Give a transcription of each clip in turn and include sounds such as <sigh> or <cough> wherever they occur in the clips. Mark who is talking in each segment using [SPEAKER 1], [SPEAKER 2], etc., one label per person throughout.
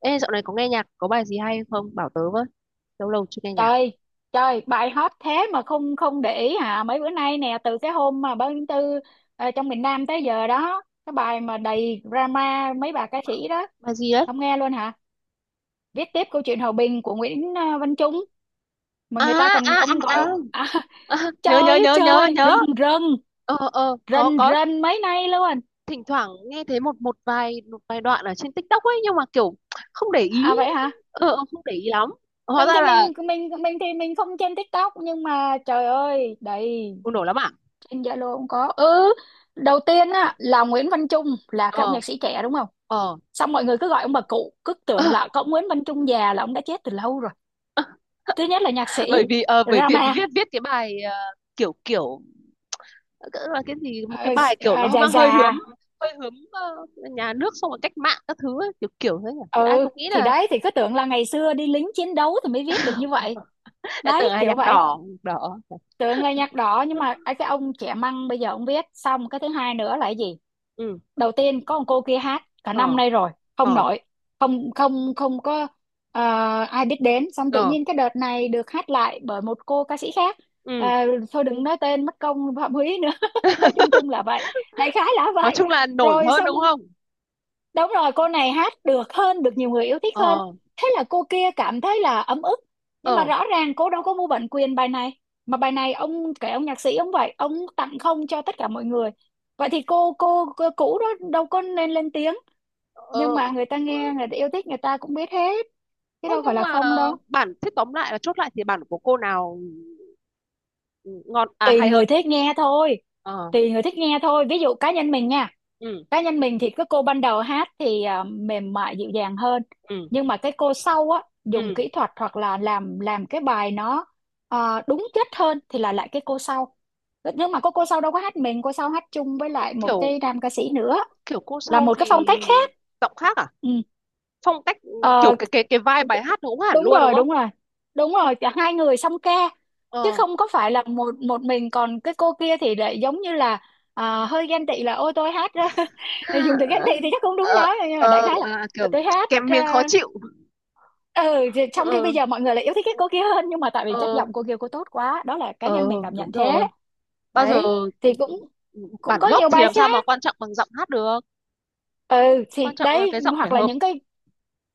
[SPEAKER 1] Ê, dạo này có nghe nhạc, có bài gì hay không? Bảo tớ với. Lâu lâu chưa nghe nhạc.
[SPEAKER 2] Trời, trời, bài hot thế mà không không để ý hả? Mấy bữa nay nè, từ cái hôm mà 3/4, trong miền Nam tới giờ đó, cái bài mà đầy drama mấy bà ca sĩ đó.
[SPEAKER 1] Bài gì đấy?
[SPEAKER 2] Không nghe luôn hả? Viết tiếp câu chuyện hòa bình của Nguyễn Văn Trung. Mà
[SPEAKER 1] À,
[SPEAKER 2] người ta còn
[SPEAKER 1] à,
[SPEAKER 2] ông gọi
[SPEAKER 1] à, à.
[SPEAKER 2] <laughs>
[SPEAKER 1] À
[SPEAKER 2] Trời
[SPEAKER 1] nhớ, nhớ,
[SPEAKER 2] ơi
[SPEAKER 1] nhớ, nhớ,
[SPEAKER 2] trời,
[SPEAKER 1] nhớ.
[SPEAKER 2] rần rần,
[SPEAKER 1] Ờ, ờ, có,
[SPEAKER 2] rần
[SPEAKER 1] có.
[SPEAKER 2] rần mấy nay luôn.
[SPEAKER 1] Thỉnh thoảng nghe thấy một một vài đoạn ở trên TikTok ấy, nhưng mà kiểu không để ý.
[SPEAKER 2] À, vậy hả?
[SPEAKER 1] Ờ, ờ, không để ý lắm. Hóa
[SPEAKER 2] mình
[SPEAKER 1] ra
[SPEAKER 2] thì
[SPEAKER 1] là
[SPEAKER 2] mình mình mình thì mình không trên TikTok, nhưng mà trời ơi đầy.
[SPEAKER 1] bùng nổ lắm à?
[SPEAKER 2] Trên Zalo cũng có. Ừ, đầu tiên á là Nguyễn Văn Trung, là cái ông
[SPEAKER 1] Ờ,
[SPEAKER 2] nhạc sĩ trẻ đúng không?
[SPEAKER 1] ờ.
[SPEAKER 2] Xong mọi người cứ gọi ông bà cụ, cứ tưởng là
[SPEAKER 1] <laughs>
[SPEAKER 2] có ông Nguyễn Văn Trung già, là ông đã chết từ lâu rồi. Thứ nhất là nhạc sĩ
[SPEAKER 1] Bởi vì, bởi vì
[SPEAKER 2] Rama,
[SPEAKER 1] viết cái bài kiểu, kiểu, cỡ là cái gì, một cái
[SPEAKER 2] ờ,
[SPEAKER 1] bài kiểu nó
[SPEAKER 2] già
[SPEAKER 1] mang
[SPEAKER 2] già.
[SPEAKER 1] hơi hướng nhà nước xong rồi cách mạng các thứ ấy, kiểu kiểu thế nhỉ thì ai
[SPEAKER 2] Ừ,
[SPEAKER 1] cũng nghĩ
[SPEAKER 2] thì
[SPEAKER 1] là
[SPEAKER 2] đấy, thì cứ tưởng là ngày xưa đi lính chiến đấu thì mới viết được như vậy.
[SPEAKER 1] lại
[SPEAKER 2] Đấy,
[SPEAKER 1] tưởng là
[SPEAKER 2] kiểu
[SPEAKER 1] nhạc
[SPEAKER 2] vậy.
[SPEAKER 1] đỏ, nhạc đỏ.
[SPEAKER 2] Tưởng là nhạc đỏ nhưng mà ấy, cái ông trẻ măng bây giờ ông viết. Xong cái thứ hai nữa là cái gì?
[SPEAKER 1] Ừ,
[SPEAKER 2] Đầu tiên có một cô kia hát cả
[SPEAKER 1] ờ,
[SPEAKER 2] năm nay rồi, không
[SPEAKER 1] ờ,
[SPEAKER 2] nổi, không không không có ờ, ai biết đến. Xong tự
[SPEAKER 1] ờ,
[SPEAKER 2] nhiên cái đợt này được hát lại bởi một cô ca sĩ khác. Ờ,
[SPEAKER 1] ừ.
[SPEAKER 2] thôi đừng nói tên mất công phạm húy nữa, <laughs> nói chung chung là vậy, đại khái là
[SPEAKER 1] Nói
[SPEAKER 2] vậy,
[SPEAKER 1] chung là nổi
[SPEAKER 2] rồi
[SPEAKER 1] hơn đúng
[SPEAKER 2] xong.
[SPEAKER 1] không?
[SPEAKER 2] Đúng rồi, cô này hát được hơn, được nhiều người yêu thích hơn.
[SPEAKER 1] Ờ,
[SPEAKER 2] Thế là cô kia cảm thấy là ấm ức. Nhưng mà
[SPEAKER 1] ờ,
[SPEAKER 2] rõ ràng cô đâu có mua bản quyền bài này. Mà bài này ông kể, ông nhạc sĩ ông vậy, ông tặng không cho tất cả mọi người. Vậy thì cô cũ đó đâu có nên lên tiếng.
[SPEAKER 1] ờ.
[SPEAKER 2] Nhưng mà người ta nghe, người ta yêu thích, người ta cũng biết hết. Chứ
[SPEAKER 1] Ơ,
[SPEAKER 2] đâu phải
[SPEAKER 1] nhưng
[SPEAKER 2] là
[SPEAKER 1] mà
[SPEAKER 2] không đâu.
[SPEAKER 1] bản thế tóm lại là chốt lại thì bản của cô nào ngon à
[SPEAKER 2] Tùy
[SPEAKER 1] hay
[SPEAKER 2] người
[SPEAKER 1] hơn?
[SPEAKER 2] thích nghe thôi.
[SPEAKER 1] Ờ,
[SPEAKER 2] Tùy người thích nghe thôi. Ví dụ cá nhân mình nha,
[SPEAKER 1] ừ,
[SPEAKER 2] cá nhân mình thì cái cô ban đầu hát thì mềm mại dịu dàng hơn,
[SPEAKER 1] ừ,
[SPEAKER 2] nhưng mà cái cô sau á
[SPEAKER 1] ừ.
[SPEAKER 2] dùng kỹ thuật hoặc là làm cái bài nó đúng chất hơn, thì là lại cái cô sau. Nhưng mà cô sau đâu có hát mình, cô sau hát chung với lại một
[SPEAKER 1] Kiểu
[SPEAKER 2] cái nam ca sĩ nữa,
[SPEAKER 1] kiểu cô
[SPEAKER 2] là
[SPEAKER 1] sau
[SPEAKER 2] một cái phong
[SPEAKER 1] thì
[SPEAKER 2] cách khác.
[SPEAKER 1] giọng khác à?
[SPEAKER 2] Ừ.
[SPEAKER 1] Phong cách ừ,
[SPEAKER 2] Ờ.
[SPEAKER 1] kiểu cái vibe
[SPEAKER 2] Ok.
[SPEAKER 1] bài hát nó cũng hẳn
[SPEAKER 2] Đúng
[SPEAKER 1] luôn đúng
[SPEAKER 2] rồi,
[SPEAKER 1] không?
[SPEAKER 2] đúng rồi. Đúng rồi, cả hai người song ca. Chứ
[SPEAKER 1] Ờ.
[SPEAKER 2] không có phải là một một mình. Còn cái cô kia thì lại giống như là hơi ghen tị, là ôi tôi hát ra. <laughs> Dùng từ ghen tị thì chắc không đúng
[SPEAKER 1] Ờ,
[SPEAKER 2] lắm, nhưng mà đại
[SPEAKER 1] ờ,
[SPEAKER 2] khái là
[SPEAKER 1] à, kiểu
[SPEAKER 2] là tôi hát
[SPEAKER 1] kèm miếng khó
[SPEAKER 2] ra.
[SPEAKER 1] chịu.
[SPEAKER 2] Ừ, thì trong khi
[SPEAKER 1] Ờ,
[SPEAKER 2] bây giờ mọi người lại yêu thích cái cô kia hơn, nhưng mà tại vì chất
[SPEAKER 1] ờ,
[SPEAKER 2] giọng cô kia cô tốt quá, đó là cá
[SPEAKER 1] ờ,
[SPEAKER 2] nhân mình cảm
[SPEAKER 1] đúng
[SPEAKER 2] nhận thế.
[SPEAKER 1] rồi. Bao giờ
[SPEAKER 2] Đấy, thì cũng cũng
[SPEAKER 1] bản
[SPEAKER 2] có
[SPEAKER 1] gốc
[SPEAKER 2] nhiều
[SPEAKER 1] thì
[SPEAKER 2] bài
[SPEAKER 1] làm sao mà
[SPEAKER 2] khác.
[SPEAKER 1] quan trọng bằng giọng hát được.
[SPEAKER 2] Ừ,
[SPEAKER 1] Quan
[SPEAKER 2] thì
[SPEAKER 1] trọng là
[SPEAKER 2] đấy,
[SPEAKER 1] cái giọng phải
[SPEAKER 2] hoặc là
[SPEAKER 1] hợp.
[SPEAKER 2] những cái,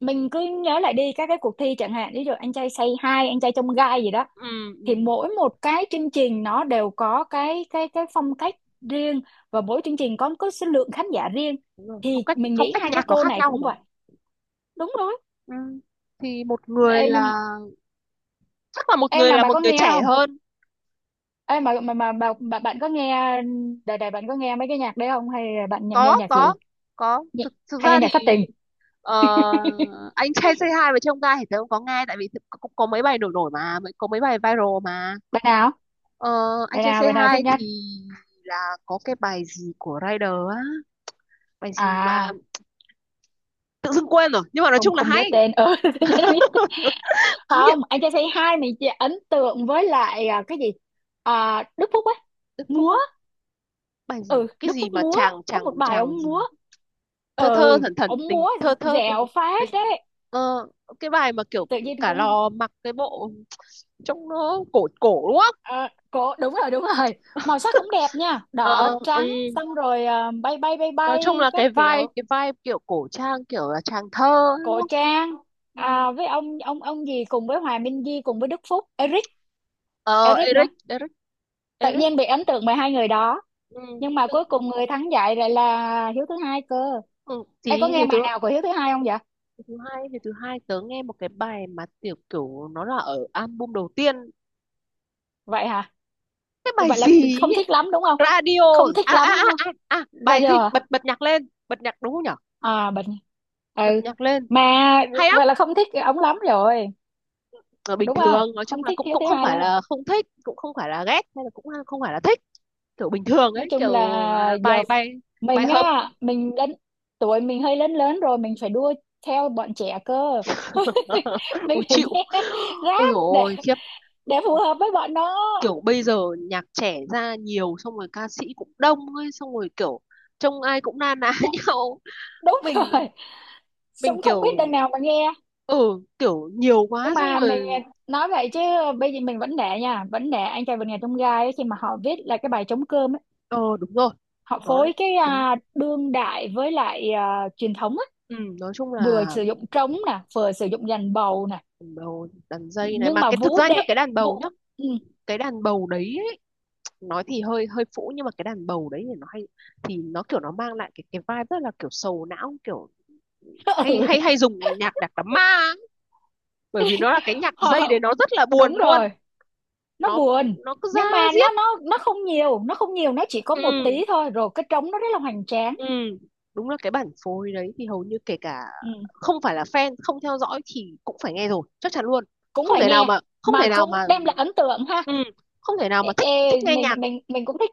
[SPEAKER 2] mình cứ nhớ lại đi các cái cuộc thi chẳng hạn, ví dụ anh trai say hi, anh trai trong gai gì đó,
[SPEAKER 1] Ừ,
[SPEAKER 2] thì
[SPEAKER 1] ừ,
[SPEAKER 2] mỗi một cái chương trình nó đều có cái phong cách riêng, và mỗi chương trình có số lượng khán giả riêng,
[SPEAKER 1] đúng rồi. phong
[SPEAKER 2] thì
[SPEAKER 1] cách
[SPEAKER 2] mình
[SPEAKER 1] phong
[SPEAKER 2] nghĩ
[SPEAKER 1] cách
[SPEAKER 2] hai cái
[SPEAKER 1] nhạc nó
[SPEAKER 2] cô
[SPEAKER 1] khác
[SPEAKER 2] này
[SPEAKER 1] nhau
[SPEAKER 2] cũng
[SPEAKER 1] mà.
[SPEAKER 2] vậy. Đúng rồi.
[SPEAKER 1] Ừ. Thì một người
[SPEAKER 2] Ê, nhưng
[SPEAKER 1] là, chắc là
[SPEAKER 2] em mà bà
[SPEAKER 1] một
[SPEAKER 2] có
[SPEAKER 1] người
[SPEAKER 2] nghe
[SPEAKER 1] trẻ
[SPEAKER 2] không,
[SPEAKER 1] hơn.
[SPEAKER 2] em mà bà bạn có nghe, đời đời bạn có nghe mấy cái nhạc đấy không, hay là nghe
[SPEAKER 1] có
[SPEAKER 2] nhạc
[SPEAKER 1] có
[SPEAKER 2] gì?
[SPEAKER 1] có
[SPEAKER 2] Nhị-
[SPEAKER 1] thực thực
[SPEAKER 2] Hay
[SPEAKER 1] ra
[SPEAKER 2] nghe nhạc
[SPEAKER 1] thì
[SPEAKER 2] thất tình?
[SPEAKER 1] ờ,
[SPEAKER 2] <laughs>
[SPEAKER 1] anh trai Say hai và trông gai thì tớ cũng có nghe, tại vì cũng có mấy bài nổi nổi mà mới, có mấy bài viral mà.
[SPEAKER 2] bạn nào
[SPEAKER 1] Ờ, anh
[SPEAKER 2] bạn
[SPEAKER 1] trai
[SPEAKER 2] nào
[SPEAKER 1] Say
[SPEAKER 2] bạn nào thích
[SPEAKER 1] hai
[SPEAKER 2] nhất?
[SPEAKER 1] thì là có cái bài gì của Rider á, bài gì mà
[SPEAKER 2] à
[SPEAKER 1] tự dưng quên rồi nhưng mà nói
[SPEAKER 2] Không,
[SPEAKER 1] chung là
[SPEAKER 2] không nhớ
[SPEAKER 1] hay.
[SPEAKER 2] tên, ừ, <laughs> tự nhiên không nhớ tên. Không,
[SPEAKER 1] Nhiệm
[SPEAKER 2] anh trai say hi mình chỉ ấn tượng với lại cái gì, Đức Phúc ấy,
[SPEAKER 1] Đức Phúc
[SPEAKER 2] múa.
[SPEAKER 1] á, bài gì,
[SPEAKER 2] Ừ,
[SPEAKER 1] cái
[SPEAKER 2] Đức
[SPEAKER 1] gì
[SPEAKER 2] Phúc
[SPEAKER 1] mà
[SPEAKER 2] múa,
[SPEAKER 1] chàng
[SPEAKER 2] có
[SPEAKER 1] chàng
[SPEAKER 2] một bài
[SPEAKER 1] chàng
[SPEAKER 2] ông
[SPEAKER 1] gì,
[SPEAKER 2] múa,
[SPEAKER 1] thơ thơ
[SPEAKER 2] ừ,
[SPEAKER 1] thẩn thẩn
[SPEAKER 2] ông
[SPEAKER 1] tình
[SPEAKER 2] múa
[SPEAKER 1] thơ thơ tình
[SPEAKER 2] dẻo phát
[SPEAKER 1] tình
[SPEAKER 2] đấy,
[SPEAKER 1] ờ, cái bài mà kiểu
[SPEAKER 2] tự nhiên
[SPEAKER 1] cả
[SPEAKER 2] cũng
[SPEAKER 1] lò mặc cái bộ trông nó cổ cổ đúng không?
[SPEAKER 2] ờ, cổ, đúng rồi đúng rồi. Màu sắc cũng đẹp nha, đỏ
[SPEAKER 1] Ờ, ừ.
[SPEAKER 2] trắng, xong rồi bay bay bay
[SPEAKER 1] Nói chung
[SPEAKER 2] bay
[SPEAKER 1] là
[SPEAKER 2] các kiểu.
[SPEAKER 1] cái vai kiểu cổ trang, kiểu là chàng thơ đúng
[SPEAKER 2] Cổ
[SPEAKER 1] không?
[SPEAKER 2] trang,
[SPEAKER 1] Ừ.
[SPEAKER 2] với ông gì, cùng với Hòa Minh Di, cùng với Đức Phúc, Eric,
[SPEAKER 1] Ờ,
[SPEAKER 2] Eric nữa.
[SPEAKER 1] Eric Eric
[SPEAKER 2] Tự
[SPEAKER 1] Eric.
[SPEAKER 2] nhiên bị ấn tượng bởi hai người đó,
[SPEAKER 1] Ừ.
[SPEAKER 2] nhưng mà
[SPEAKER 1] Thứ-
[SPEAKER 2] cuối cùng người thắng giải lại là Hiếu thứ hai cơ.
[SPEAKER 1] ừ.
[SPEAKER 2] Em
[SPEAKER 1] Tí
[SPEAKER 2] có nghe
[SPEAKER 1] thì tớ,
[SPEAKER 2] bài nào của Hiếu thứ hai không vậy?
[SPEAKER 1] thứ hai tớ nghe một cái bài mà tiểu, kiểu nó là ở album đầu tiên,
[SPEAKER 2] Vậy hả?
[SPEAKER 1] cái bài
[SPEAKER 2] Vậy là
[SPEAKER 1] gì
[SPEAKER 2] không
[SPEAKER 1] ấy?
[SPEAKER 2] thích lắm đúng không?
[SPEAKER 1] Radio.
[SPEAKER 2] Không thích lắm đúng không?
[SPEAKER 1] À,
[SPEAKER 2] Ra
[SPEAKER 1] bài gì
[SPEAKER 2] điều à?
[SPEAKER 1] bật, nhạc lên, bật nhạc, đúng không nhở?
[SPEAKER 2] À, bệnh. Ừ,
[SPEAKER 1] Bật nhạc lên,
[SPEAKER 2] mà
[SPEAKER 1] hay lắm.
[SPEAKER 2] vậy là không thích ống lắm rồi,
[SPEAKER 1] Ở bình
[SPEAKER 2] đúng không,
[SPEAKER 1] thường nói chung
[SPEAKER 2] không
[SPEAKER 1] là
[SPEAKER 2] thích
[SPEAKER 1] cũng
[SPEAKER 2] Hiếu
[SPEAKER 1] cũng
[SPEAKER 2] thứ
[SPEAKER 1] không
[SPEAKER 2] hai
[SPEAKER 1] phải
[SPEAKER 2] lắm.
[SPEAKER 1] là không thích, cũng không phải là ghét, hay là cũng à, không phải là thích, kiểu bình thường
[SPEAKER 2] Nói
[SPEAKER 1] ấy,
[SPEAKER 2] chung
[SPEAKER 1] kiểu
[SPEAKER 2] là
[SPEAKER 1] à,
[SPEAKER 2] giờ
[SPEAKER 1] bài bài bài
[SPEAKER 2] mình
[SPEAKER 1] hợp.
[SPEAKER 2] á, mình đến tuổi mình hơi lớn lớn rồi, mình phải đua theo bọn trẻ cơ. <laughs>
[SPEAKER 1] <laughs>
[SPEAKER 2] Mình
[SPEAKER 1] Ui
[SPEAKER 2] phải
[SPEAKER 1] chịu,
[SPEAKER 2] nghe <laughs>
[SPEAKER 1] ôi
[SPEAKER 2] rap
[SPEAKER 1] dồi
[SPEAKER 2] để
[SPEAKER 1] ôi khiếp.
[SPEAKER 2] để phù hợp với bọn nó.
[SPEAKER 1] Kiểu bây giờ nhạc trẻ ra nhiều, xong rồi ca sĩ cũng đông ấy, xong rồi kiểu trông ai cũng na ná <laughs>
[SPEAKER 2] Một-
[SPEAKER 1] nhau.
[SPEAKER 2] Đúng
[SPEAKER 1] mình
[SPEAKER 2] rồi,
[SPEAKER 1] mình
[SPEAKER 2] cũng không biết
[SPEAKER 1] kiểu,
[SPEAKER 2] đằng nào mà nghe.
[SPEAKER 1] ừ, kiểu nhiều
[SPEAKER 2] Nhưng
[SPEAKER 1] quá xong
[SPEAKER 2] mà mình
[SPEAKER 1] rồi.
[SPEAKER 2] nói vậy chứ, bây giờ mình vẫn để nha, vẫn để anh trai vượt ngàn chông gai ấy, khi mà họ viết là cái bài trống cơm ấy,
[SPEAKER 1] Ờ đúng rồi,
[SPEAKER 2] họ
[SPEAKER 1] nó
[SPEAKER 2] phối cái
[SPEAKER 1] đúng.
[SPEAKER 2] đương đại với lại truyền thống á,
[SPEAKER 1] Ừ, nói chung
[SPEAKER 2] vừa
[SPEAKER 1] là
[SPEAKER 2] sử dụng trống nè, vừa sử dụng dàn bầu nè,
[SPEAKER 1] đàn bầu, đàn dây này
[SPEAKER 2] nhưng
[SPEAKER 1] mà,
[SPEAKER 2] mà
[SPEAKER 1] cái thực
[SPEAKER 2] vũ
[SPEAKER 1] ra nhá,
[SPEAKER 2] đệ,
[SPEAKER 1] cái đàn bầu
[SPEAKER 2] vũ.
[SPEAKER 1] nhá,
[SPEAKER 2] Ừ.
[SPEAKER 1] cái đàn bầu đấy ấy, nói thì hơi hơi phũ nhưng mà cái đàn bầu đấy thì nó hay, thì nó kiểu nó mang lại cái vibe rất là kiểu sầu não, kiểu
[SPEAKER 2] <laughs>
[SPEAKER 1] hay,
[SPEAKER 2] Ừ.
[SPEAKER 1] hay dùng nhạc đạc đám ma ấy. Bởi vì nó là cái nhạc dây
[SPEAKER 2] Họ-
[SPEAKER 1] đấy, nó rất là buồn
[SPEAKER 2] Đúng
[SPEAKER 1] luôn.
[SPEAKER 2] rồi, nó
[SPEAKER 1] nó
[SPEAKER 2] buồn,
[SPEAKER 1] nó cứ
[SPEAKER 2] nhưng
[SPEAKER 1] ra
[SPEAKER 2] mà nó
[SPEAKER 1] diết.
[SPEAKER 2] nó nó không nhiều, nó không nhiều, nó chỉ có một
[SPEAKER 1] Ừ.
[SPEAKER 2] tí thôi, rồi cái trống nó rất là hoành tráng.
[SPEAKER 1] Ừ, đúng là cái bản phối đấy thì hầu như kể cả
[SPEAKER 2] Ừ.
[SPEAKER 1] không phải là fan, không theo dõi thì cũng phải nghe rồi, chắc chắn luôn.
[SPEAKER 2] Cũng
[SPEAKER 1] Không
[SPEAKER 2] phải
[SPEAKER 1] thể nào
[SPEAKER 2] nghe,
[SPEAKER 1] mà
[SPEAKER 2] mà cũng đem lại ấn tượng ha.
[SPEAKER 1] ừ, không thể nào
[SPEAKER 2] Ê,
[SPEAKER 1] mà thích,
[SPEAKER 2] ê,
[SPEAKER 1] nghe nhạc,
[SPEAKER 2] mình cũng thích,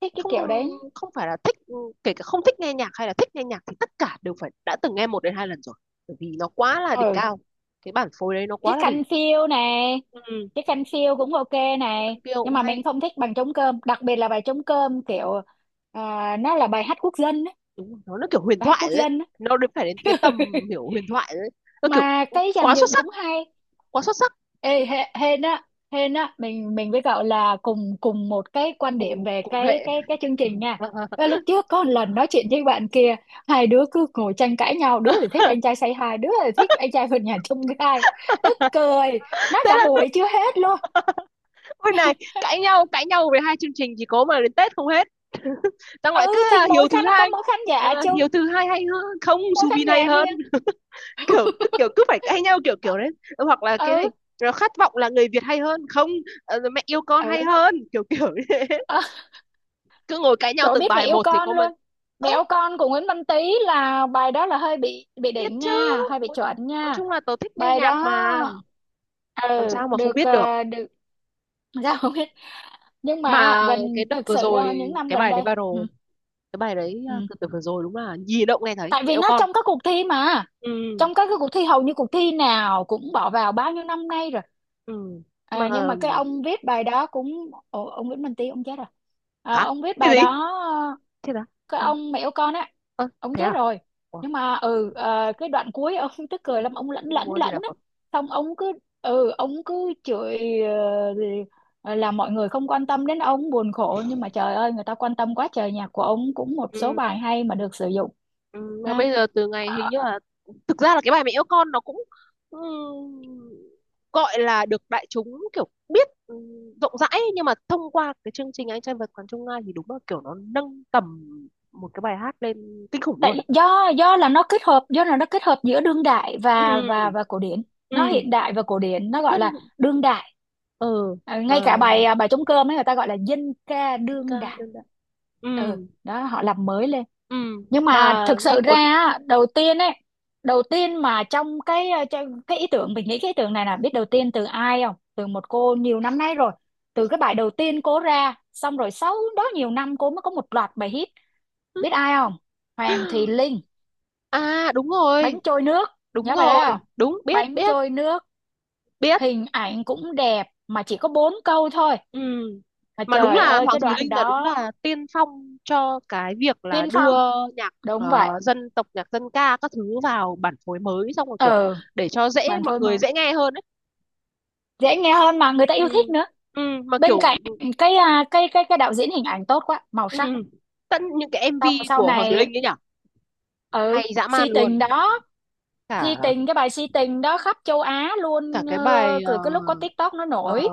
[SPEAKER 2] thích cái
[SPEAKER 1] không
[SPEAKER 2] kiểu đấy.
[SPEAKER 1] không phải là thích, ừ, kể cả không thích nghe nhạc hay là thích nghe nhạc thì tất cả đều phải đã từng nghe một đến hai lần rồi, bởi vì nó quá là đỉnh
[SPEAKER 2] Ừ.
[SPEAKER 1] cao. Cái bản phối đấy nó quá
[SPEAKER 2] Chiếc
[SPEAKER 1] là đỉnh.
[SPEAKER 2] khăn phiêu này,
[SPEAKER 1] Ừ,
[SPEAKER 2] cái khăn phiêu cũng ok
[SPEAKER 1] các
[SPEAKER 2] này,
[SPEAKER 1] bạn kia cũng
[SPEAKER 2] nhưng mà mình
[SPEAKER 1] hay,
[SPEAKER 2] không thích bằng trống cơm. Đặc biệt là bài trống cơm kiểu nó là bài hát quốc dân á,
[SPEAKER 1] đúng rồi, nó kiểu huyền
[SPEAKER 2] bài hát
[SPEAKER 1] thoại
[SPEAKER 2] quốc
[SPEAKER 1] đấy.
[SPEAKER 2] dân á.
[SPEAKER 1] Nó đến phải đến cái
[SPEAKER 2] <laughs>
[SPEAKER 1] tầm hiểu huyền thoại đấy. Nó kiểu
[SPEAKER 2] Mà cái dàn
[SPEAKER 1] quá xuất
[SPEAKER 2] dựng
[SPEAKER 1] sắc,
[SPEAKER 2] cũng hay.
[SPEAKER 1] quá xuất sắc,
[SPEAKER 2] Ê, hên á, hên á, mình với cậu là cùng cùng một cái quan điểm
[SPEAKER 1] cùng
[SPEAKER 2] về
[SPEAKER 1] cùng
[SPEAKER 2] cái
[SPEAKER 1] hệ.
[SPEAKER 2] cái cái chương trình nha.
[SPEAKER 1] <laughs>
[SPEAKER 2] Và lúc trước có một lần nói chuyện với bạn kia, hai đứa cứ ngồi tranh cãi nhau, đứa thì thích anh trai say hi, đứa thì thích anh trai vượt ngàn chông gai, tức
[SPEAKER 1] <laughs>
[SPEAKER 2] cười, nói
[SPEAKER 1] Thế
[SPEAKER 2] cả
[SPEAKER 1] là,
[SPEAKER 2] buổi chưa hết luôn.
[SPEAKER 1] ôi này, cãi nhau về hai chương trình chỉ có mà đến Tết không hết. <laughs> Xong lại cứ
[SPEAKER 2] Ừ, thì
[SPEAKER 1] à, Hiếu
[SPEAKER 2] mỗi khán
[SPEAKER 1] thứ
[SPEAKER 2] nó có
[SPEAKER 1] hai,
[SPEAKER 2] mỗi khán giả chung,
[SPEAKER 1] Hiếu thứ hai hay hơn không,
[SPEAKER 2] mỗi khán
[SPEAKER 1] Subin hay
[SPEAKER 2] giả
[SPEAKER 1] hơn,
[SPEAKER 2] riêng.
[SPEAKER 1] kiểu
[SPEAKER 2] <laughs>
[SPEAKER 1] cứ phải cãi nhau kiểu kiểu đấy. Ờ, hoặc là cái
[SPEAKER 2] Ừ.
[SPEAKER 1] gì, rồi khát vọng là người Việt hay hơn không, mẹ yêu con
[SPEAKER 2] Ừ.
[SPEAKER 1] hay hơn kiểu kiểu <laughs> như thế.
[SPEAKER 2] <laughs>
[SPEAKER 1] Cứ ngồi cãi nhau
[SPEAKER 2] Trời ơi,
[SPEAKER 1] từng
[SPEAKER 2] biết mẹ
[SPEAKER 1] bài
[SPEAKER 2] yêu
[SPEAKER 1] một thì
[SPEAKER 2] con
[SPEAKER 1] có mà.
[SPEAKER 2] luôn. Mẹ
[SPEAKER 1] Ớ,
[SPEAKER 2] yêu con của Nguyễn Văn Tý là, bài đó là hơi bị
[SPEAKER 1] biết
[SPEAKER 2] đỉnh
[SPEAKER 1] chứ.
[SPEAKER 2] nha, hơi bị
[SPEAKER 1] Ôi,
[SPEAKER 2] chuẩn
[SPEAKER 1] nói
[SPEAKER 2] nha.
[SPEAKER 1] chung là tớ thích nghe
[SPEAKER 2] Bài
[SPEAKER 1] nhạc mà,
[SPEAKER 2] đó
[SPEAKER 1] làm
[SPEAKER 2] ừ
[SPEAKER 1] sao mà không
[SPEAKER 2] được,
[SPEAKER 1] biết được.
[SPEAKER 2] được. <laughs> Ra không biết. Nhưng mà
[SPEAKER 1] Mà cái
[SPEAKER 2] gần,
[SPEAKER 1] đợt
[SPEAKER 2] thực
[SPEAKER 1] vừa
[SPEAKER 2] sự ra
[SPEAKER 1] rồi
[SPEAKER 2] những năm
[SPEAKER 1] cái
[SPEAKER 2] gần
[SPEAKER 1] bài đấy
[SPEAKER 2] đây.
[SPEAKER 1] viral,
[SPEAKER 2] Ừ.
[SPEAKER 1] cái bài đấy à,
[SPEAKER 2] Ừ.
[SPEAKER 1] từ từ vừa rồi, đúng là gì động nghe thấy
[SPEAKER 2] Tại
[SPEAKER 1] mẹ
[SPEAKER 2] vì
[SPEAKER 1] yêu
[SPEAKER 2] nó
[SPEAKER 1] con.
[SPEAKER 2] trong các cuộc thi mà.
[SPEAKER 1] Ừ,
[SPEAKER 2] Trong các cái cuộc thi hầu như cuộc thi nào cũng bỏ vào bao nhiêu năm nay rồi.
[SPEAKER 1] ừ, mà
[SPEAKER 2] À, nhưng mà cái ông viết bài đó cũng, Ồ, ông Nguyễn Minh Tý ông chết rồi. À,
[SPEAKER 1] hả,
[SPEAKER 2] ông viết
[SPEAKER 1] cái
[SPEAKER 2] bài
[SPEAKER 1] gì,
[SPEAKER 2] đó,
[SPEAKER 1] thế đó
[SPEAKER 2] cái
[SPEAKER 1] à?
[SPEAKER 2] ông mẹ của con á,
[SPEAKER 1] Ơ,
[SPEAKER 2] ông
[SPEAKER 1] thế
[SPEAKER 2] chết
[SPEAKER 1] à?
[SPEAKER 2] rồi.
[SPEAKER 1] Ủa,
[SPEAKER 2] Nhưng mà cái đoạn cuối ông <laughs> tức cười
[SPEAKER 1] nam
[SPEAKER 2] lắm, ông lẫn
[SPEAKER 1] Nam
[SPEAKER 2] lẫn
[SPEAKER 1] mô A Di
[SPEAKER 2] lẫn á,
[SPEAKER 1] Phật.
[SPEAKER 2] xong ông cứ, ừ, ông cứ chửi, là mọi người không quan tâm đến ông buồn khổ. Nhưng mà trời ơi người ta quan tâm quá trời, nhạc của ông cũng một số
[SPEAKER 1] Ừ,
[SPEAKER 2] bài hay mà được sử dụng.
[SPEAKER 1] ừ, mà
[SPEAKER 2] Ha.
[SPEAKER 1] bây giờ từ ngày hình
[SPEAKER 2] Ờ,
[SPEAKER 1] như là, thực ra là cái bài mẹ yêu con nó cũng, ừ, gọi là được đại chúng kiểu biết, ừ, rộng rãi ấy, nhưng mà thông qua cái chương trình Anh trai vượt ngàn chông gai thì đúng là kiểu nó nâng tầm một cái bài hát lên kinh khủng luôn.
[SPEAKER 2] tại do là nó kết hợp, do là nó kết hợp giữa đương đại và
[SPEAKER 1] Ừ,
[SPEAKER 2] và và cổ điển, nó
[SPEAKER 1] ừ,
[SPEAKER 2] hiện đại và cổ điển, nó gọi
[SPEAKER 1] rất,
[SPEAKER 2] là đương đại.
[SPEAKER 1] ừ,
[SPEAKER 2] Ờ,
[SPEAKER 1] mà
[SPEAKER 2] ngay cả bài, bài trống cơm ấy, người ta gọi là dân ca
[SPEAKER 1] dân ca
[SPEAKER 2] đương đại.
[SPEAKER 1] đương đại, ừ,
[SPEAKER 2] Ừ, đó họ làm mới lên.
[SPEAKER 1] ừ,
[SPEAKER 2] Nhưng mà
[SPEAKER 1] mà
[SPEAKER 2] thực
[SPEAKER 1] nghe
[SPEAKER 2] sự ra
[SPEAKER 1] cuốn.
[SPEAKER 2] á, đầu tiên ấy, đầu tiên mà trong cái ý tưởng, mình nghĩ cái ý tưởng này là, biết đầu tiên từ ai không? Từ một cô, nhiều năm nay rồi, từ cái bài đầu tiên cô ra, xong rồi sau đó nhiều năm cô mới có một loạt bài hit. Biết ai không? Hoàng Thùy Linh,
[SPEAKER 1] À đúng
[SPEAKER 2] bánh
[SPEAKER 1] rồi,
[SPEAKER 2] trôi nước.
[SPEAKER 1] đúng
[SPEAKER 2] Nhớ bài đấy
[SPEAKER 1] rồi,
[SPEAKER 2] không?
[SPEAKER 1] đúng, biết
[SPEAKER 2] Bánh
[SPEAKER 1] biết
[SPEAKER 2] trôi nước.
[SPEAKER 1] biết.
[SPEAKER 2] Hình ảnh cũng đẹp mà chỉ có bốn câu thôi,
[SPEAKER 1] Ừ.
[SPEAKER 2] mà
[SPEAKER 1] Mà đúng
[SPEAKER 2] trời
[SPEAKER 1] là
[SPEAKER 2] ơi
[SPEAKER 1] Hoàng
[SPEAKER 2] cái
[SPEAKER 1] Thùy
[SPEAKER 2] đoạn
[SPEAKER 1] Linh là đúng
[SPEAKER 2] đó.
[SPEAKER 1] là tiên phong cho cái việc là
[SPEAKER 2] Tiên
[SPEAKER 1] đưa
[SPEAKER 2] phong.
[SPEAKER 1] nhạc
[SPEAKER 2] Đúng vậy.
[SPEAKER 1] dân tộc, nhạc dân ca các thứ vào bản phối mới, xong rồi kiểu
[SPEAKER 2] Ừ.
[SPEAKER 1] để cho dễ,
[SPEAKER 2] Bàn
[SPEAKER 1] mọi
[SPEAKER 2] phôi
[SPEAKER 1] người
[SPEAKER 2] mà
[SPEAKER 1] dễ nghe hơn ấy.
[SPEAKER 2] dễ nghe hơn, mà người ta yêu thích
[SPEAKER 1] Ừ.
[SPEAKER 2] nữa.
[SPEAKER 1] Ừ. Mà
[SPEAKER 2] Bên
[SPEAKER 1] kiểu,
[SPEAKER 2] cạnh cái à, cái cái đạo diễn hình ảnh tốt quá, màu
[SPEAKER 1] ừ,
[SPEAKER 2] sắc.
[SPEAKER 1] tận những cái
[SPEAKER 2] Xong rồi
[SPEAKER 1] MV
[SPEAKER 2] sau
[SPEAKER 1] của Hoàng Thùy
[SPEAKER 2] này.
[SPEAKER 1] Linh ấy nhở,
[SPEAKER 2] Ừ.
[SPEAKER 1] hay dã
[SPEAKER 2] Si
[SPEAKER 1] man luôn.
[SPEAKER 2] tình đó, si
[SPEAKER 1] Cả
[SPEAKER 2] tình, cái bài si tình đó khắp châu Á
[SPEAKER 1] Cả
[SPEAKER 2] luôn,
[SPEAKER 1] cái bài
[SPEAKER 2] từ cái lúc có TikTok nó
[SPEAKER 1] ờ,
[SPEAKER 2] nổi,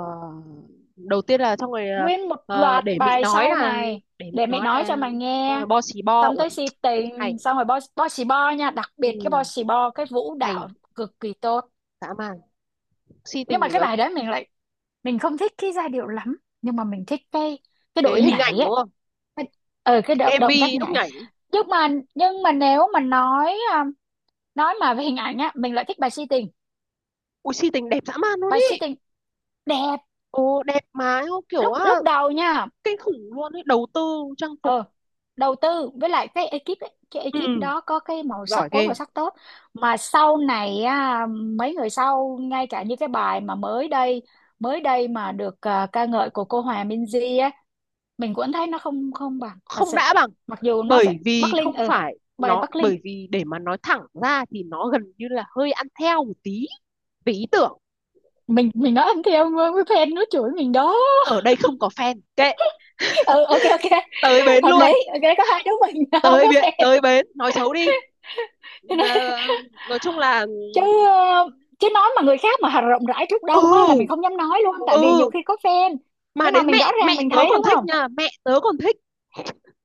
[SPEAKER 1] đầu tiên là, xong rồi
[SPEAKER 2] nguyên một
[SPEAKER 1] ờ,
[SPEAKER 2] loạt
[SPEAKER 1] để mị
[SPEAKER 2] bài
[SPEAKER 1] nói
[SPEAKER 2] sau
[SPEAKER 1] là,
[SPEAKER 2] này.
[SPEAKER 1] để mị
[SPEAKER 2] Để mẹ
[SPEAKER 1] nói
[SPEAKER 2] nói
[SPEAKER 1] là,
[SPEAKER 2] cho mày
[SPEAKER 1] xong
[SPEAKER 2] nghe,
[SPEAKER 1] rồi bo xì bo.
[SPEAKER 2] xong
[SPEAKER 1] Ui,
[SPEAKER 2] tới si
[SPEAKER 1] hay,
[SPEAKER 2] tình, xong rồi bo bo xì bo nha, đặc biệt cái bo
[SPEAKER 1] ừ,
[SPEAKER 2] xì bo cái vũ đạo
[SPEAKER 1] hay
[SPEAKER 2] cực kỳ tốt.
[SPEAKER 1] dã man. Si
[SPEAKER 2] Nhưng
[SPEAKER 1] tình
[SPEAKER 2] mà
[SPEAKER 1] thì
[SPEAKER 2] cái
[SPEAKER 1] là,
[SPEAKER 2] bài đấy mình lại, mình không thích cái giai điệu lắm. Nhưng mà mình thích cái đội
[SPEAKER 1] cái hình
[SPEAKER 2] nhảy
[SPEAKER 1] ảnh
[SPEAKER 2] ấy,
[SPEAKER 1] đúng không,
[SPEAKER 2] cái- cái
[SPEAKER 1] cái
[SPEAKER 2] động động tác
[SPEAKER 1] MV lúc
[SPEAKER 2] nhảy.
[SPEAKER 1] nhảy,
[SPEAKER 2] Nhưng mà nhưng mà nếu mà nói nói mà về hình ảnh á, mình lại thích bài Si Tình.
[SPEAKER 1] ui si tình đẹp dã man luôn
[SPEAKER 2] Bài Si
[SPEAKER 1] ý,
[SPEAKER 2] Tình đẹp
[SPEAKER 1] ồ đẹp mà, ô, kiểu
[SPEAKER 2] lúc
[SPEAKER 1] á,
[SPEAKER 2] lúc đầu nha.
[SPEAKER 1] kinh khủng luôn ấy, đầu tư trang phục,
[SPEAKER 2] Ờ, đầu tư với lại cái ekip ấy, cái ekip
[SPEAKER 1] ừ,
[SPEAKER 2] đó có cái màu
[SPEAKER 1] giỏi
[SPEAKER 2] sắc, phối
[SPEAKER 1] ghê.
[SPEAKER 2] màu sắc tốt. Mà sau này á, mấy người sau ngay cả như cái bài mà mới đây, mới đây mà được ca ngợi của cô Hòa Minzy á, mình cũng thấy nó không không bằng thật
[SPEAKER 1] Không
[SPEAKER 2] sự.
[SPEAKER 1] đã bằng,
[SPEAKER 2] Mặc dù nó
[SPEAKER 1] bởi
[SPEAKER 2] phải Bắc
[SPEAKER 1] vì
[SPEAKER 2] Linh,
[SPEAKER 1] không
[SPEAKER 2] ừ,
[SPEAKER 1] phải,
[SPEAKER 2] bài
[SPEAKER 1] nó
[SPEAKER 2] Bắc Linh.
[SPEAKER 1] bởi vì để mà nói thẳng ra thì nó gần như là hơi ăn theo một tí về ý tưởng.
[SPEAKER 2] Mình nói ăn theo với fan nó chửi mình đó.
[SPEAKER 1] Ở đây không có fan, kệ,
[SPEAKER 2] Ừ, ok ok,
[SPEAKER 1] tới bến
[SPEAKER 2] hợp lý.
[SPEAKER 1] luôn,
[SPEAKER 2] Ok, có hai đứa mình <laughs> không có fan.
[SPEAKER 1] tới bến nói xấu đi. Ờ, nói chung là,
[SPEAKER 2] Chứ ờ, chứ nói mà người khác mà hà rộng rãi trước đông á là mình
[SPEAKER 1] ừ,
[SPEAKER 2] không dám nói luôn, tại vì
[SPEAKER 1] ừ,
[SPEAKER 2] nhiều khi có fan.
[SPEAKER 1] mà
[SPEAKER 2] Nhưng mà
[SPEAKER 1] đến
[SPEAKER 2] mình
[SPEAKER 1] mẹ
[SPEAKER 2] rõ ràng
[SPEAKER 1] mẹ
[SPEAKER 2] mình
[SPEAKER 1] tớ
[SPEAKER 2] thấy
[SPEAKER 1] còn
[SPEAKER 2] đúng
[SPEAKER 1] thích
[SPEAKER 2] không?
[SPEAKER 1] nha, mẹ tớ còn thích,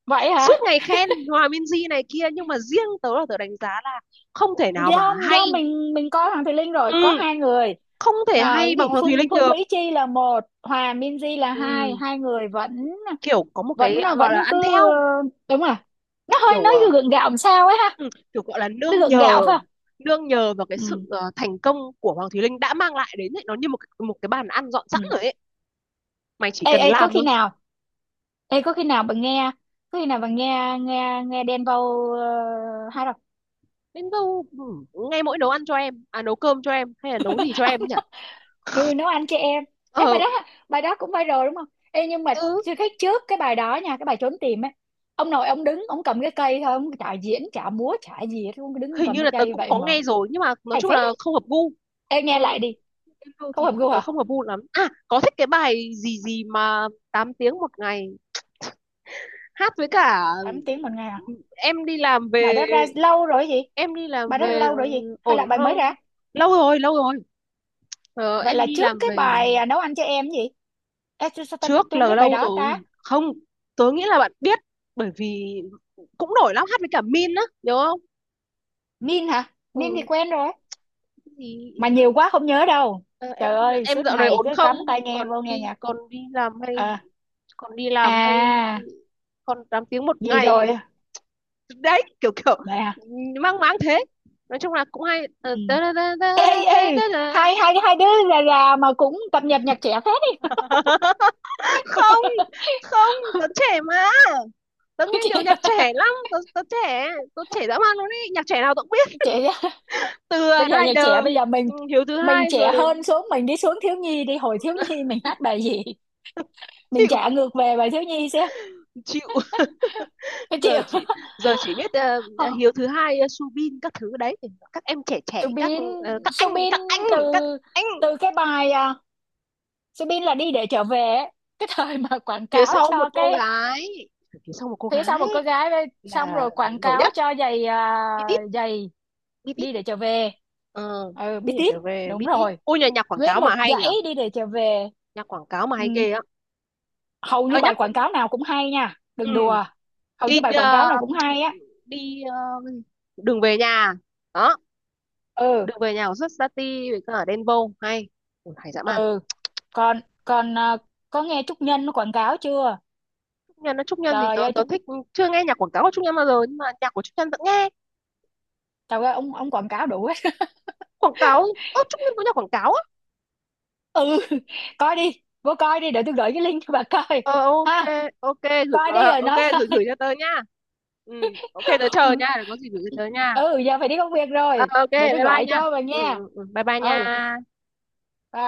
[SPEAKER 2] Vậy
[SPEAKER 1] suốt
[SPEAKER 2] hả?
[SPEAKER 1] ngày khen Hòa Minzy này kia, nhưng mà riêng tớ là tớ đánh giá là không thể nào mà
[SPEAKER 2] do
[SPEAKER 1] hay,
[SPEAKER 2] do mình coi Hoàng Thùy Linh rồi. Có
[SPEAKER 1] ừ,
[SPEAKER 2] hai người.
[SPEAKER 1] không thể
[SPEAKER 2] Ờ,
[SPEAKER 1] hay
[SPEAKER 2] cái
[SPEAKER 1] bằng
[SPEAKER 2] gì,
[SPEAKER 1] Hoàng Thùy
[SPEAKER 2] Phương
[SPEAKER 1] Linh
[SPEAKER 2] Phương
[SPEAKER 1] được.
[SPEAKER 2] Mỹ Chi là một, Hòa Minzy là hai.
[SPEAKER 1] Ừ,
[SPEAKER 2] Hai người vẫn
[SPEAKER 1] kiểu có một cái
[SPEAKER 2] vẫn
[SPEAKER 1] à, gọi là
[SPEAKER 2] vẫn cứ,
[SPEAKER 1] ăn theo,
[SPEAKER 2] đúng rồi, nó hơi
[SPEAKER 1] kiểu
[SPEAKER 2] nói gượng gạo làm sao ấy ha.
[SPEAKER 1] ừ, kiểu gọi là
[SPEAKER 2] Nó gượng gạo phải không?
[SPEAKER 1] nương nhờ vào cái
[SPEAKER 2] Ừ,
[SPEAKER 1] sự thành công của Hoàng Thùy Linh đã mang lại đến ấy, nó như một cái bàn ăn dọn sẵn
[SPEAKER 2] ừ.
[SPEAKER 1] rồi ấy, mày chỉ
[SPEAKER 2] Ê,
[SPEAKER 1] cần
[SPEAKER 2] ê, có
[SPEAKER 1] làm
[SPEAKER 2] khi nào, ê có khi nào bạn nghe, có khi nào bạn nghe nghe nghe Đen Vâu, uh,
[SPEAKER 1] đến đâu. Ừ, ngay mỗi nấu ăn cho em, à nấu cơm cho em, hay là nấu gì cho em nhỉ?
[SPEAKER 2] ừ, nấu ăn cho em. Ê, bài
[SPEAKER 1] Ờ.
[SPEAKER 2] đó, bài đó cũng viral đúng không? Ê, nhưng mà
[SPEAKER 1] Ừ,
[SPEAKER 2] chưa thấy trước cái bài đó nha, cái bài Trốn Tìm ấy. Ông nội ông đứng, ông cầm cái cây thôi, ông chả diễn chả múa chả gì hết, ông cứ đứng
[SPEAKER 1] hình
[SPEAKER 2] cầm
[SPEAKER 1] như
[SPEAKER 2] cái
[SPEAKER 1] là tớ
[SPEAKER 2] cây
[SPEAKER 1] cũng
[SPEAKER 2] vậy
[SPEAKER 1] có
[SPEAKER 2] mà
[SPEAKER 1] nghe rồi nhưng mà nói
[SPEAKER 2] hay
[SPEAKER 1] chung
[SPEAKER 2] phết
[SPEAKER 1] là
[SPEAKER 2] ấy.
[SPEAKER 1] không hợp gu.
[SPEAKER 2] Ê, nghe
[SPEAKER 1] Ừ,
[SPEAKER 2] lại đi.
[SPEAKER 1] em đâu
[SPEAKER 2] Không
[SPEAKER 1] thì
[SPEAKER 2] hợp gu
[SPEAKER 1] tớ
[SPEAKER 2] hả?
[SPEAKER 1] không hợp gu lắm, à có thích cái bài gì gì mà 8 tiếng một ngày, hát với cả
[SPEAKER 2] 8 tiếng một ngày à?
[SPEAKER 1] em đi làm
[SPEAKER 2] Bài
[SPEAKER 1] về
[SPEAKER 2] đó ra lâu rồi gì.
[SPEAKER 1] em đi làm
[SPEAKER 2] Bài đó ra
[SPEAKER 1] về,
[SPEAKER 2] lâu rồi gì
[SPEAKER 1] ừ,
[SPEAKER 2] hay là
[SPEAKER 1] ổn
[SPEAKER 2] bài mới
[SPEAKER 1] không,
[SPEAKER 2] ra?
[SPEAKER 1] lâu rồi lâu rồi. Ờ,
[SPEAKER 2] Vậy
[SPEAKER 1] em
[SPEAKER 2] là
[SPEAKER 1] đi
[SPEAKER 2] trước
[SPEAKER 1] làm
[SPEAKER 2] cái
[SPEAKER 1] về,
[SPEAKER 2] bài nấu ăn cho em gì. Ê, sao, sao ta,
[SPEAKER 1] trước
[SPEAKER 2] tôi không
[SPEAKER 1] là
[SPEAKER 2] biết bài
[SPEAKER 1] lâu
[SPEAKER 2] đó
[SPEAKER 1] rồi.
[SPEAKER 2] ta.
[SPEAKER 1] Không, tớ nghĩ là bạn biết, bởi vì cũng nổi lắm, hát với cả Min á, nhớ không?
[SPEAKER 2] Min hả? Min thì
[SPEAKER 1] Ừ,
[SPEAKER 2] quen rồi.
[SPEAKER 1] gì?
[SPEAKER 2] Mà nhiều quá không nhớ đâu.
[SPEAKER 1] Ờ, em
[SPEAKER 2] Trời
[SPEAKER 1] nghĩ là
[SPEAKER 2] ơi,
[SPEAKER 1] em
[SPEAKER 2] suốt
[SPEAKER 1] dạo này
[SPEAKER 2] ngày
[SPEAKER 1] ổn
[SPEAKER 2] cứ
[SPEAKER 1] không,
[SPEAKER 2] cắm tai nghe vô nghe nhạc.
[SPEAKER 1] còn đi làm hay,
[SPEAKER 2] Ờ,
[SPEAKER 1] còn đi làm hay,
[SPEAKER 2] à,
[SPEAKER 1] còn 8 tiếng một
[SPEAKER 2] gì
[SPEAKER 1] ngày
[SPEAKER 2] rồi,
[SPEAKER 1] đấy, kiểu kiểu
[SPEAKER 2] mẹ à.
[SPEAKER 1] mang máng thế, nói chung là cũng hay. Ờ,
[SPEAKER 2] Ừ. Ê, ê,
[SPEAKER 1] tớ.
[SPEAKER 2] hai hai hai đứa là mà cũng cập nhật nhạc trẻ phết đấy
[SPEAKER 1] <laughs> Không, không tớ trẻ mà, tớ nghe nhiều
[SPEAKER 2] kìa.
[SPEAKER 1] nhạc trẻ lắm, tớ, tớ trẻ, tớ trẻ dã man luôn ý, nhạc trẻ nào tớ cũng biết,
[SPEAKER 2] <laughs> Trẻ.
[SPEAKER 1] từ
[SPEAKER 2] Bây giờ nhạc trẻ
[SPEAKER 1] Rider,
[SPEAKER 2] bây giờ mình
[SPEAKER 1] ừ, Hiếu thứ
[SPEAKER 2] mình
[SPEAKER 1] hai
[SPEAKER 2] trẻ
[SPEAKER 1] rồi.
[SPEAKER 2] hơn xuống, mình đi xuống thiếu nhi đi, hồi thiếu nhi mình hát bài gì. Mình
[SPEAKER 1] Chịu
[SPEAKER 2] trả ngược về bài thiếu nhi xem
[SPEAKER 1] chịu.
[SPEAKER 2] có chịu.
[SPEAKER 1] giờ chỉ Giờ chỉ biết
[SPEAKER 2] <laughs>
[SPEAKER 1] ờ, ờ,
[SPEAKER 2] Không?
[SPEAKER 1] Hiếu thứ hai, ờ, Subin các thứ đấy, các em trẻ trẻ các,
[SPEAKER 2] Subin.
[SPEAKER 1] ờ,
[SPEAKER 2] Subin từ,
[SPEAKER 1] các anh,
[SPEAKER 2] từ cái bài Subin là Đi Để Trở Về ấy. Cái thời mà quảng
[SPEAKER 1] phía
[SPEAKER 2] cáo
[SPEAKER 1] sau một
[SPEAKER 2] cho
[SPEAKER 1] cô
[SPEAKER 2] cái
[SPEAKER 1] gái, phía sau một cô
[SPEAKER 2] Phía Sau
[SPEAKER 1] gái
[SPEAKER 2] Một Cô Gái với- xong
[SPEAKER 1] là
[SPEAKER 2] rồi quảng
[SPEAKER 1] nổi
[SPEAKER 2] cáo
[SPEAKER 1] nhất.
[SPEAKER 2] cho giày
[SPEAKER 1] Bitit,
[SPEAKER 2] giày,
[SPEAKER 1] Bitit,
[SPEAKER 2] Đi Để Trở Về.
[SPEAKER 1] ờ
[SPEAKER 2] Ừ, biết
[SPEAKER 1] bây giờ
[SPEAKER 2] tiếp.
[SPEAKER 1] trở về
[SPEAKER 2] Đúng
[SPEAKER 1] Bitit,
[SPEAKER 2] rồi,
[SPEAKER 1] ôi nhà, nhạc quảng
[SPEAKER 2] nguyên
[SPEAKER 1] cáo mà
[SPEAKER 2] một
[SPEAKER 1] hay
[SPEAKER 2] dãy
[SPEAKER 1] nhở,
[SPEAKER 2] Đi Để Trở Về.
[SPEAKER 1] nhạc quảng cáo mà
[SPEAKER 2] Ừ.
[SPEAKER 1] hay ghê á.
[SPEAKER 2] Hầu như
[SPEAKER 1] Tao
[SPEAKER 2] bài
[SPEAKER 1] nhắc,
[SPEAKER 2] quảng cáo nào cũng hay nha,
[SPEAKER 1] ừ.
[SPEAKER 2] đừng đùa. Hầu
[SPEAKER 1] đi
[SPEAKER 2] như bài quảng cáo
[SPEAKER 1] ờ,
[SPEAKER 2] nào cũng hay á.
[SPEAKER 1] đi ờ, đường về nhà đó,
[SPEAKER 2] Ừ,
[SPEAKER 1] đường về nhà của Sustati với cả Đen Vâu hay. Ừ, hay dã man.
[SPEAKER 2] ừ. Còn còn có nghe Trúc Nhân nó quảng cáo chưa?
[SPEAKER 1] Nhân nó Trúc Nhân gì
[SPEAKER 2] Trời
[SPEAKER 1] tớ,
[SPEAKER 2] ơi,
[SPEAKER 1] tớ
[SPEAKER 2] Trúc,
[SPEAKER 1] thích. Chưa nghe nhạc quảng cáo của Trúc Nhân bao giờ nhưng mà nhạc của Trúc Nhân vẫn nghe,
[SPEAKER 2] trời ơi, ông quảng cáo đủ hết.
[SPEAKER 1] quảng cáo. Ơ, Trúc Nhân có nhạc quảng cáo á?
[SPEAKER 2] <laughs> Ừ, coi đi, vô coi đi, để tôi gửi cái link cho bà coi.
[SPEAKER 1] Ờ, ok,
[SPEAKER 2] Ha,
[SPEAKER 1] ok, gửi,
[SPEAKER 2] coi đi rồi
[SPEAKER 1] ok
[SPEAKER 2] nói
[SPEAKER 1] gửi gửi cho tớ nha. Ừ, ok, tớ chờ
[SPEAKER 2] sau.
[SPEAKER 1] nha, có gì gửi cho tớ nha.
[SPEAKER 2] Ừ, giờ phải đi công việc
[SPEAKER 1] Ờ,
[SPEAKER 2] rồi,
[SPEAKER 1] ok,
[SPEAKER 2] để
[SPEAKER 1] bye
[SPEAKER 2] tôi
[SPEAKER 1] bye
[SPEAKER 2] gọi
[SPEAKER 1] nha.
[SPEAKER 2] cho bà
[SPEAKER 1] Ừ,
[SPEAKER 2] nghe.
[SPEAKER 1] ừ, ừ, bye bye nha.
[SPEAKER 2] Ừ, bye.